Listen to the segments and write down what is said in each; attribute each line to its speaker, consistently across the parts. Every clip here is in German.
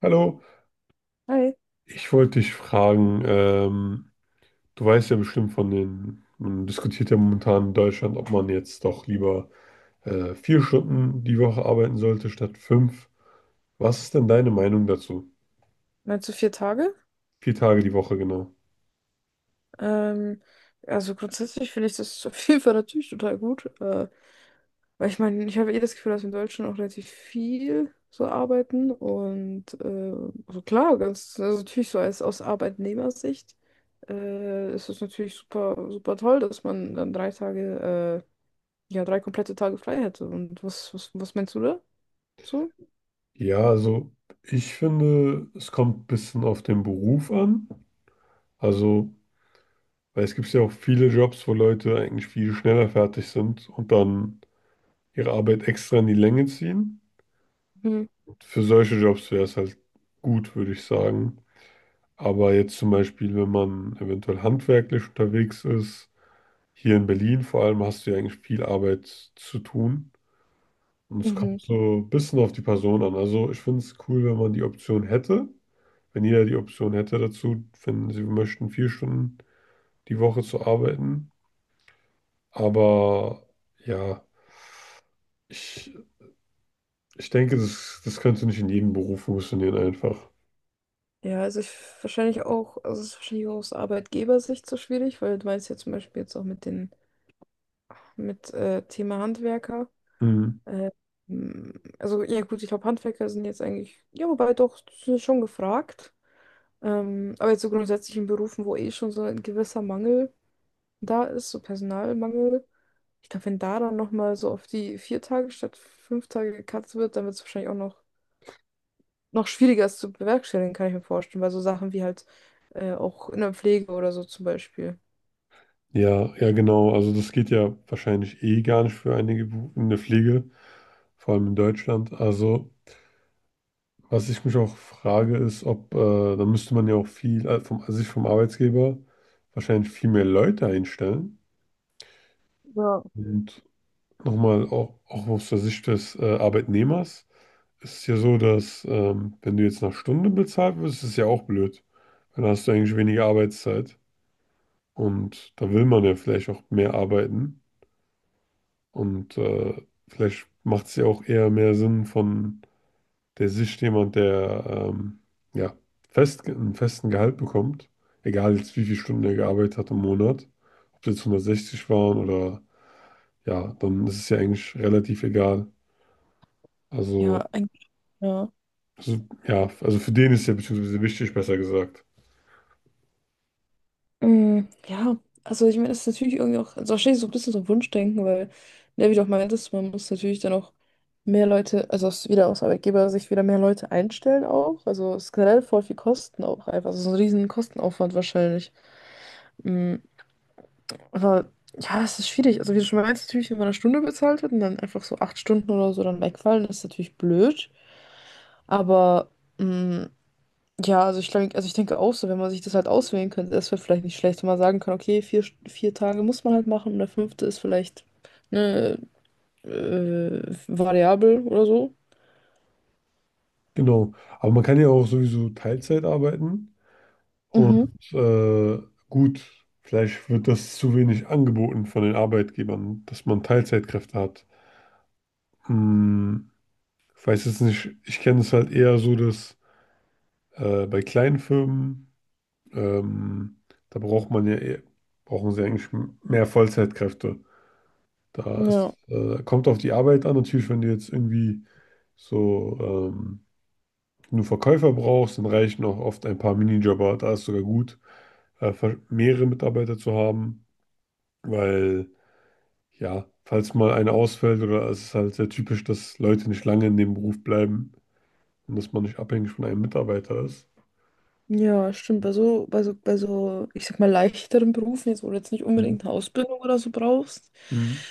Speaker 1: Hallo,
Speaker 2: Hi,
Speaker 1: ich wollte dich fragen, du weißt ja bestimmt von den, man diskutiert ja momentan in Deutschland, ob man jetzt doch lieber vier Stunden die Woche arbeiten sollte statt fünf. Was ist denn deine Meinung dazu?
Speaker 2: meinst du vier Tage?
Speaker 1: Vier Tage die Woche genau.
Speaker 2: Ähm, also grundsätzlich finde ich das auf jeden Fall natürlich total gut. Weil ich meine, ich habe eh das Gefühl, dass wir in Deutschland auch relativ viel so arbeiten. Und also klar, ganz, also natürlich so als aus Arbeitnehmersicht ist es natürlich super, super toll, dass man dann drei Tage, ja, drei komplette Tage frei hätte. Und was meinst du da? So?
Speaker 1: Ja, also ich finde, es kommt ein bisschen auf den Beruf an. Also, weil es gibt ja auch viele Jobs, wo Leute eigentlich viel schneller fertig sind und dann ihre Arbeit extra in die Länge ziehen.
Speaker 2: Mhm.
Speaker 1: Für solche Jobs wäre es halt gut, würde ich sagen. Aber jetzt zum Beispiel, wenn man eventuell handwerklich unterwegs ist, hier in Berlin vor allem hast du ja eigentlich viel Arbeit zu tun. Und es
Speaker 2: Mhm.
Speaker 1: kommt so ein bisschen auf die Person an. Also ich finde es cool, wenn man die Option hätte, wenn jeder die Option hätte dazu, wenn sie möchten, vier Stunden die Woche zu arbeiten. Aber ja, ich, ich denke, das könnte nicht in jedem Beruf funktionieren einfach.
Speaker 2: Ja, also ich wahrscheinlich auch, also es ist wahrscheinlich auch aus Arbeitgebersicht so schwierig, weil du meinst ja zum Beispiel jetzt auch mit den, mit Thema Handwerker.
Speaker 1: Mhm.
Speaker 2: Äh, m, also ja gut, ich glaube Handwerker sind jetzt eigentlich, ja wobei doch, sind schon gefragt. Aber jetzt so grundsätzlich in Berufen, wo eh schon so ein gewisser Mangel da ist, so Personalmangel. Ich glaube, wenn da dann nochmal so auf die vier Tage statt fünf Tage gekatzt wird, dann wird es wahrscheinlich auch noch schwieriger ist zu bewerkstelligen, kann ich mir vorstellen, weil so Sachen wie halt auch in der Pflege oder so zum Beispiel.
Speaker 1: Ja, ja, genau. Also das geht ja wahrscheinlich eh gar nicht für einige in der Pflege, vor allem in Deutschland. Also was ich mich auch frage, ist, ob, da müsste man ja auch viel, sich vom Arbeitgeber wahrscheinlich viel mehr Leute einstellen.
Speaker 2: Ja,
Speaker 1: Und nochmal, auch aus der Sicht des, Arbeitnehmers, ist es ja so, dass, wenn du jetzt nach Stunde bezahlt wirst, ist es ja auch blöd. Weil dann hast du eigentlich weniger Arbeitszeit und da will man ja vielleicht auch mehr arbeiten. Und vielleicht macht es ja auch eher mehr Sinn von der Sicht jemand, der ja, fest, einen festen Gehalt bekommt, egal jetzt wie viele Stunden er gearbeitet hat im Monat, ob das jetzt 160 waren oder ja, dann ist es ja eigentlich relativ egal. Also,
Speaker 2: ja, eigentlich, ja.
Speaker 1: so- ja, also für den ist ja beziehungsweise wichtig, besser gesagt.
Speaker 2: Mm, ja, also ich meine, das ist natürlich irgendwie auch, also wahrscheinlich so ein bisschen so ein Wunschdenken, weil, ne, wie du auch meintest, man muss natürlich dann auch mehr Leute, also aus, wieder aus Arbeitgeber sich wieder mehr Leute einstellen auch. Also es ist generell voll viel Kosten auch einfach. Also so ein riesen Kostenaufwand wahrscheinlich. Mm. Aber ja, es ist schwierig. Also, wie du schon meinst, natürlich, wenn man eine Stunde bezahlt wird und dann einfach so acht Stunden oder so dann wegfallen, das ist natürlich blöd. Aber mh, ja, also ich, glaub, also ich denke auch so, wenn man sich das halt auswählen könnte, das wäre vielleicht nicht schlecht, wenn man sagen kann, okay, vier Tage muss man halt machen und der fünfte ist vielleicht eine äh, Variable oder so.
Speaker 1: Genau. Aber man kann ja auch sowieso Teilzeit arbeiten. Und
Speaker 2: Mhm.
Speaker 1: gut, vielleicht wird das zu wenig angeboten von den Arbeitgebern, dass man Teilzeitkräfte hat. Hm, ich weiß jetzt nicht, ich kenne es halt eher so, dass bei kleinen Firmen, ähm, da braucht man ja eher, brauchen sie eigentlich mehr Vollzeitkräfte. Da ist,
Speaker 2: Ja.
Speaker 1: kommt auf die Arbeit an. Natürlich, wenn du jetzt irgendwie so nur Verkäufer brauchst, dann reichen auch oft ein paar Minijobber. Da ist sogar gut, mehrere Mitarbeiter zu haben. Weil, ja, falls mal einer ausfällt oder es ist halt sehr typisch, dass Leute nicht lange in dem Beruf bleiben und dass man nicht abhängig von einem Mitarbeiter ist.
Speaker 2: Ja, stimmt. Bei so, ich sag mal, leichteren Berufen, jetzt, wo du jetzt nicht unbedingt
Speaker 1: Mhm.
Speaker 2: eine Ausbildung oder so brauchst.
Speaker 1: Mhm.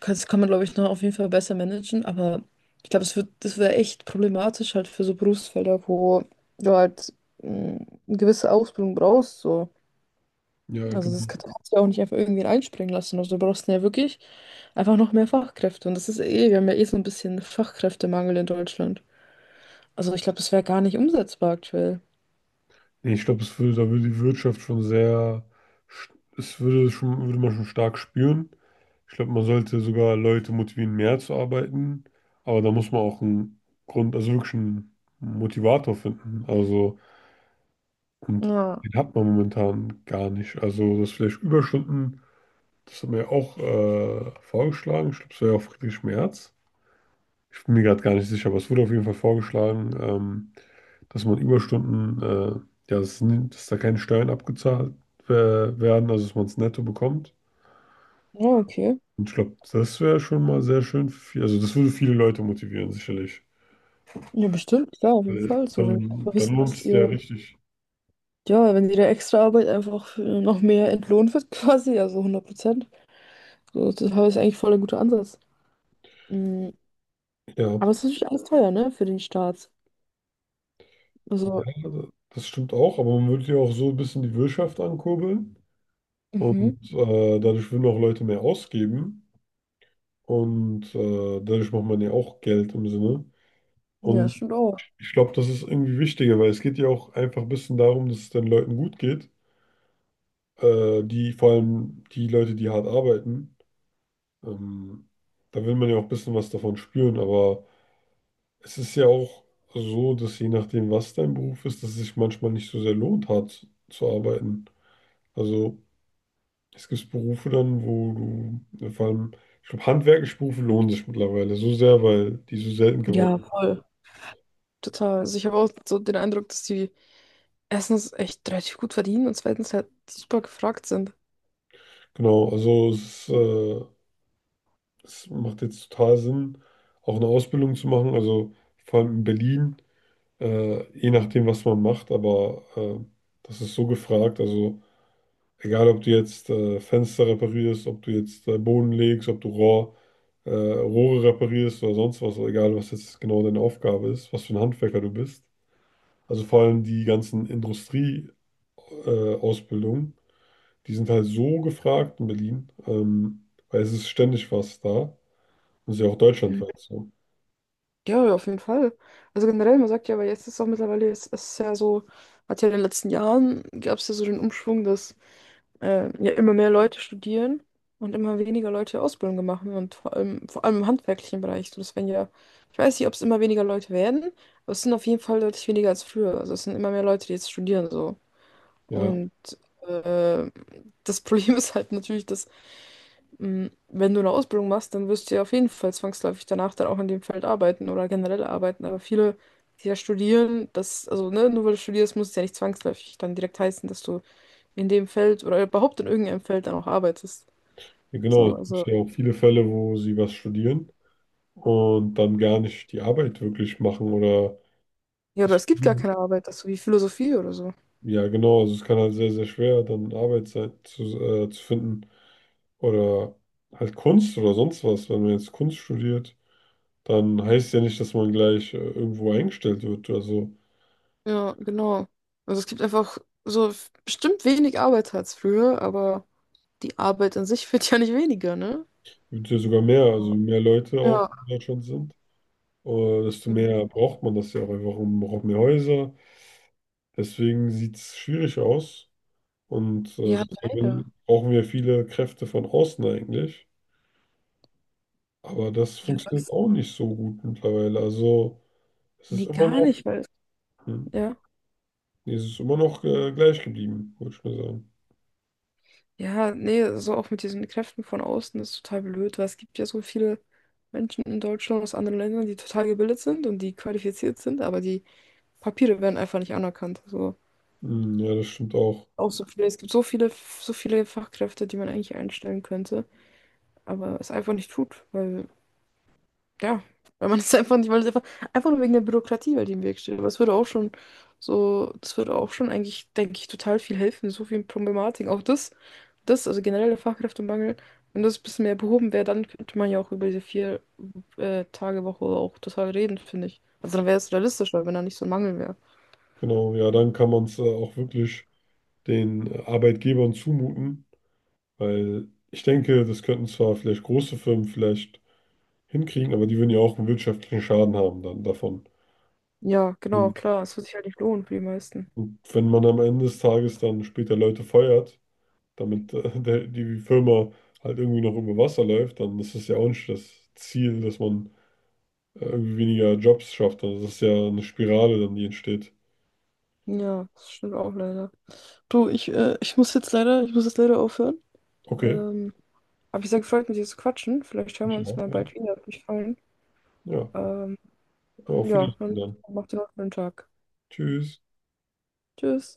Speaker 2: Das kann man, glaube ich, noch auf jeden Fall besser managen, aber ich glaube, es wird, das wäre echt problematisch halt für so Berufsfelder, wo du halt mh, eine gewisse Ausbildung brauchst. So.
Speaker 1: Ja,
Speaker 2: Also das
Speaker 1: genau.
Speaker 2: kannst du ja auch nicht einfach irgendwie einspringen lassen. Also du brauchst ja wirklich einfach noch mehr Fachkräfte. Und das ist eh, wir haben ja eh so ein bisschen Fachkräftemangel in Deutschland. Also ich glaube, das wäre gar nicht umsetzbar aktuell.
Speaker 1: Nee, ich glaube, es würde, da würde die Wirtschaft schon sehr, sch- es würde schon, würde man schon stark spüren. Ich glaube, man sollte sogar Leute motivieren, mehr zu arbeiten, aber da muss man auch einen Grund, also wirklich einen Motivator finden. Also, und
Speaker 2: Ja.
Speaker 1: den hat man momentan gar nicht. Also, dass vielleicht Überstunden das hat mir auch vorgeschlagen. Ich glaube, es war ja auch Friedrich Merz. Ich bin mir gerade gar nicht sicher, aber es wurde auf jeden Fall vorgeschlagen, dass man Überstunden, ja, dass da keine Steuern abgezahlt werden, also dass man es netto bekommt.
Speaker 2: Ja, okay.
Speaker 1: Und ich glaube, das wäre schon mal sehr schön für viel, also das würde viele Leute motivieren, sicherlich.
Speaker 2: Ja, bestimmt, klar, auf jeden
Speaker 1: Weil
Speaker 2: Fall. So, wenn ihr
Speaker 1: dann,
Speaker 2: einfach
Speaker 1: dann
Speaker 2: wisst,
Speaker 1: lohnt
Speaker 2: dass
Speaker 1: es ja
Speaker 2: ihr,
Speaker 1: richtig.
Speaker 2: ja, wenn ihre Extraarbeit einfach noch mehr entlohnt wird, quasi, also 100%. So, das ist eigentlich voll ein guter Ansatz. Mm.
Speaker 1: Ja,
Speaker 2: Aber es ist natürlich alles teuer, ne, für den Staat. Also,
Speaker 1: ja, das stimmt auch, aber man würde ja auch so ein bisschen die Wirtschaft ankurbeln und
Speaker 2: Mhm.
Speaker 1: dadurch würden auch Leute mehr ausgeben. Und dadurch macht man ja auch Geld im Sinne.
Speaker 2: Ja,
Speaker 1: Und
Speaker 2: stimmt auch.
Speaker 1: ich glaube, das ist irgendwie wichtiger, weil es geht ja auch einfach ein bisschen darum, dass es den Leuten gut geht. Vor allem die Leute, die hart arbeiten. Ähm, da will man ja auch ein bisschen was davon spüren, aber es ist ja auch so, dass je nachdem, was dein Beruf ist, dass es sich manchmal nicht so sehr lohnt, hart zu arbeiten. Also es gibt Berufe dann, wo du, vor allem, ich glaube, handwerkliche Berufe lohnen sich mittlerweile so sehr, weil die so selten
Speaker 2: Ja,
Speaker 1: geworden sind.
Speaker 2: voll. Total. Also ich habe auch so den Eindruck, dass die erstens echt relativ gut verdienen und zweitens halt super gefragt sind.
Speaker 1: Genau, also es macht jetzt total Sinn, auch eine Ausbildung zu machen, also vor allem in Berlin, je nachdem, was man macht, aber das ist so gefragt, also egal, ob du jetzt Fenster reparierst, ob du jetzt Boden legst, ob du Rohre reparierst oder sonst was, egal, was jetzt genau deine Aufgabe ist, was für ein Handwerker du bist. Also vor allem die ganzen Industrie-Ausbildungen, Ausbildungen, die sind halt so gefragt in Berlin, weil es ist ständig was da. Das ist ja auch deutschlandweit so.
Speaker 2: Ja, ja, auf jeden Fall. Also generell, man sagt ja, aber jetzt ist auch mittlerweile, es ist ja so, hat ja in den letzten Jahren, gab es ja so den Umschwung, dass ja immer mehr Leute studieren und immer weniger Leute Ausbildung machen und vor allem im handwerklichen Bereich. So, das werden ja, ich weiß nicht, ob es immer weniger Leute werden, aber es sind auf jeden Fall deutlich weniger als früher. Also es sind immer mehr Leute, die jetzt studieren so.
Speaker 1: Ja,
Speaker 2: Und äh, das Problem ist halt natürlich, dass wenn du eine Ausbildung machst, dann wirst du ja auf jeden Fall zwangsläufig danach dann auch in dem Feld arbeiten oder generell arbeiten. Aber viele, die ja studieren, das, also ne, nur weil du studierst, muss es ja nicht zwangsläufig dann direkt heißen, dass du in dem Feld oder überhaupt in irgendeinem Feld dann auch arbeitest.
Speaker 1: ja, genau.
Speaker 2: So,
Speaker 1: Es
Speaker 2: also,
Speaker 1: gibt ja auch viele Fälle, wo sie was studieren und dann gar nicht die Arbeit wirklich machen oder
Speaker 2: ja, oder es gibt gar keine Arbeit, das so wie Philosophie oder so.
Speaker 1: ja, genau. Also es kann halt sehr, sehr schwer dann Arbeit sein, zu finden oder halt Kunst oder sonst was. Wenn man jetzt Kunst studiert, dann heißt ja nicht, dass man gleich irgendwo eingestellt wird. Also
Speaker 2: Ja, genau. Also es gibt einfach so bestimmt wenig Arbeit als früher, aber die Arbeit an sich wird ja nicht weniger, ne?
Speaker 1: wird ja sogar mehr, also
Speaker 2: So.
Speaker 1: mehr Leute auch
Speaker 2: Ja.
Speaker 1: in Deutschland sind, desto mehr braucht man das ja auch einfach und man braucht mehr Häuser. Deswegen sieht es schwierig aus. Und
Speaker 2: Ja, leider.
Speaker 1: deswegen brauchen wir viele Kräfte von außen eigentlich. Aber das
Speaker 2: Ja,
Speaker 1: funktioniert
Speaker 2: das,
Speaker 1: auch nicht so gut mittlerweile. Also es ist
Speaker 2: nee,
Speaker 1: immer
Speaker 2: gar
Speaker 1: noch,
Speaker 2: nicht, weil,
Speaker 1: hm,
Speaker 2: ja.
Speaker 1: nee, es ist immer noch gleich geblieben, würde ich mal sagen.
Speaker 2: Ja, nee, so auch mit diesen Kräften von außen ist total blöd, weil es gibt ja so viele Menschen in Deutschland aus anderen Ländern, die total gebildet sind und die qualifiziert sind, aber die Papiere werden einfach nicht anerkannt. So
Speaker 1: Hm, ja, das stimmt auch.
Speaker 2: auch so viele, es gibt so viele Fachkräfte, die man eigentlich einstellen könnte, aber es einfach nicht tut, weil, ja, weil man es einfach nicht, weil es einfach, einfach nur wegen der Bürokratie, weil die im Weg steht. Aber es würde auch schon so, das würde auch schon eigentlich, denke ich, total viel helfen, so viel Problematik. Also generell der Fachkräftemangel, wenn das ein bisschen mehr behoben wäre, dann könnte man ja auch über diese vier Tage Woche auch total reden, finde ich. Also dann wäre es realistischer, wenn da nicht so ein Mangel wäre.
Speaker 1: Genau, ja, dann kann man es auch wirklich den Arbeitgebern zumuten, weil ich denke, das könnten zwar vielleicht große Firmen vielleicht hinkriegen, aber die würden ja auch einen wirtschaftlichen Schaden haben dann davon.
Speaker 2: Ja, genau,
Speaker 1: Und,
Speaker 2: klar, es wird sich halt nicht lohnen für die meisten.
Speaker 1: und wenn man am Ende des Tages dann später Leute feuert, damit die Firma halt irgendwie noch über Wasser läuft, dann ist es ja auch nicht das Ziel, dass man irgendwie weniger Jobs schafft. Also das ist ja eine Spirale dann, die entsteht.
Speaker 2: Ja, das stimmt auch leider. Du, ich muss jetzt leider aufhören.
Speaker 1: Okay,
Speaker 2: Ähm, aber ich sehr gefreut, mit dir zu quatschen. Vielleicht hören wir
Speaker 1: ich
Speaker 2: uns
Speaker 1: auch,
Speaker 2: mal
Speaker 1: ja.
Speaker 2: bald wieder. Hat mich gefallen.
Speaker 1: Ja,
Speaker 2: Ähm,
Speaker 1: auf
Speaker 2: ja,
Speaker 1: Wiedersehen
Speaker 2: dann
Speaker 1: dann.
Speaker 2: macht ihr noch einen schönen Tag.
Speaker 1: Tschüss.
Speaker 2: Tschüss.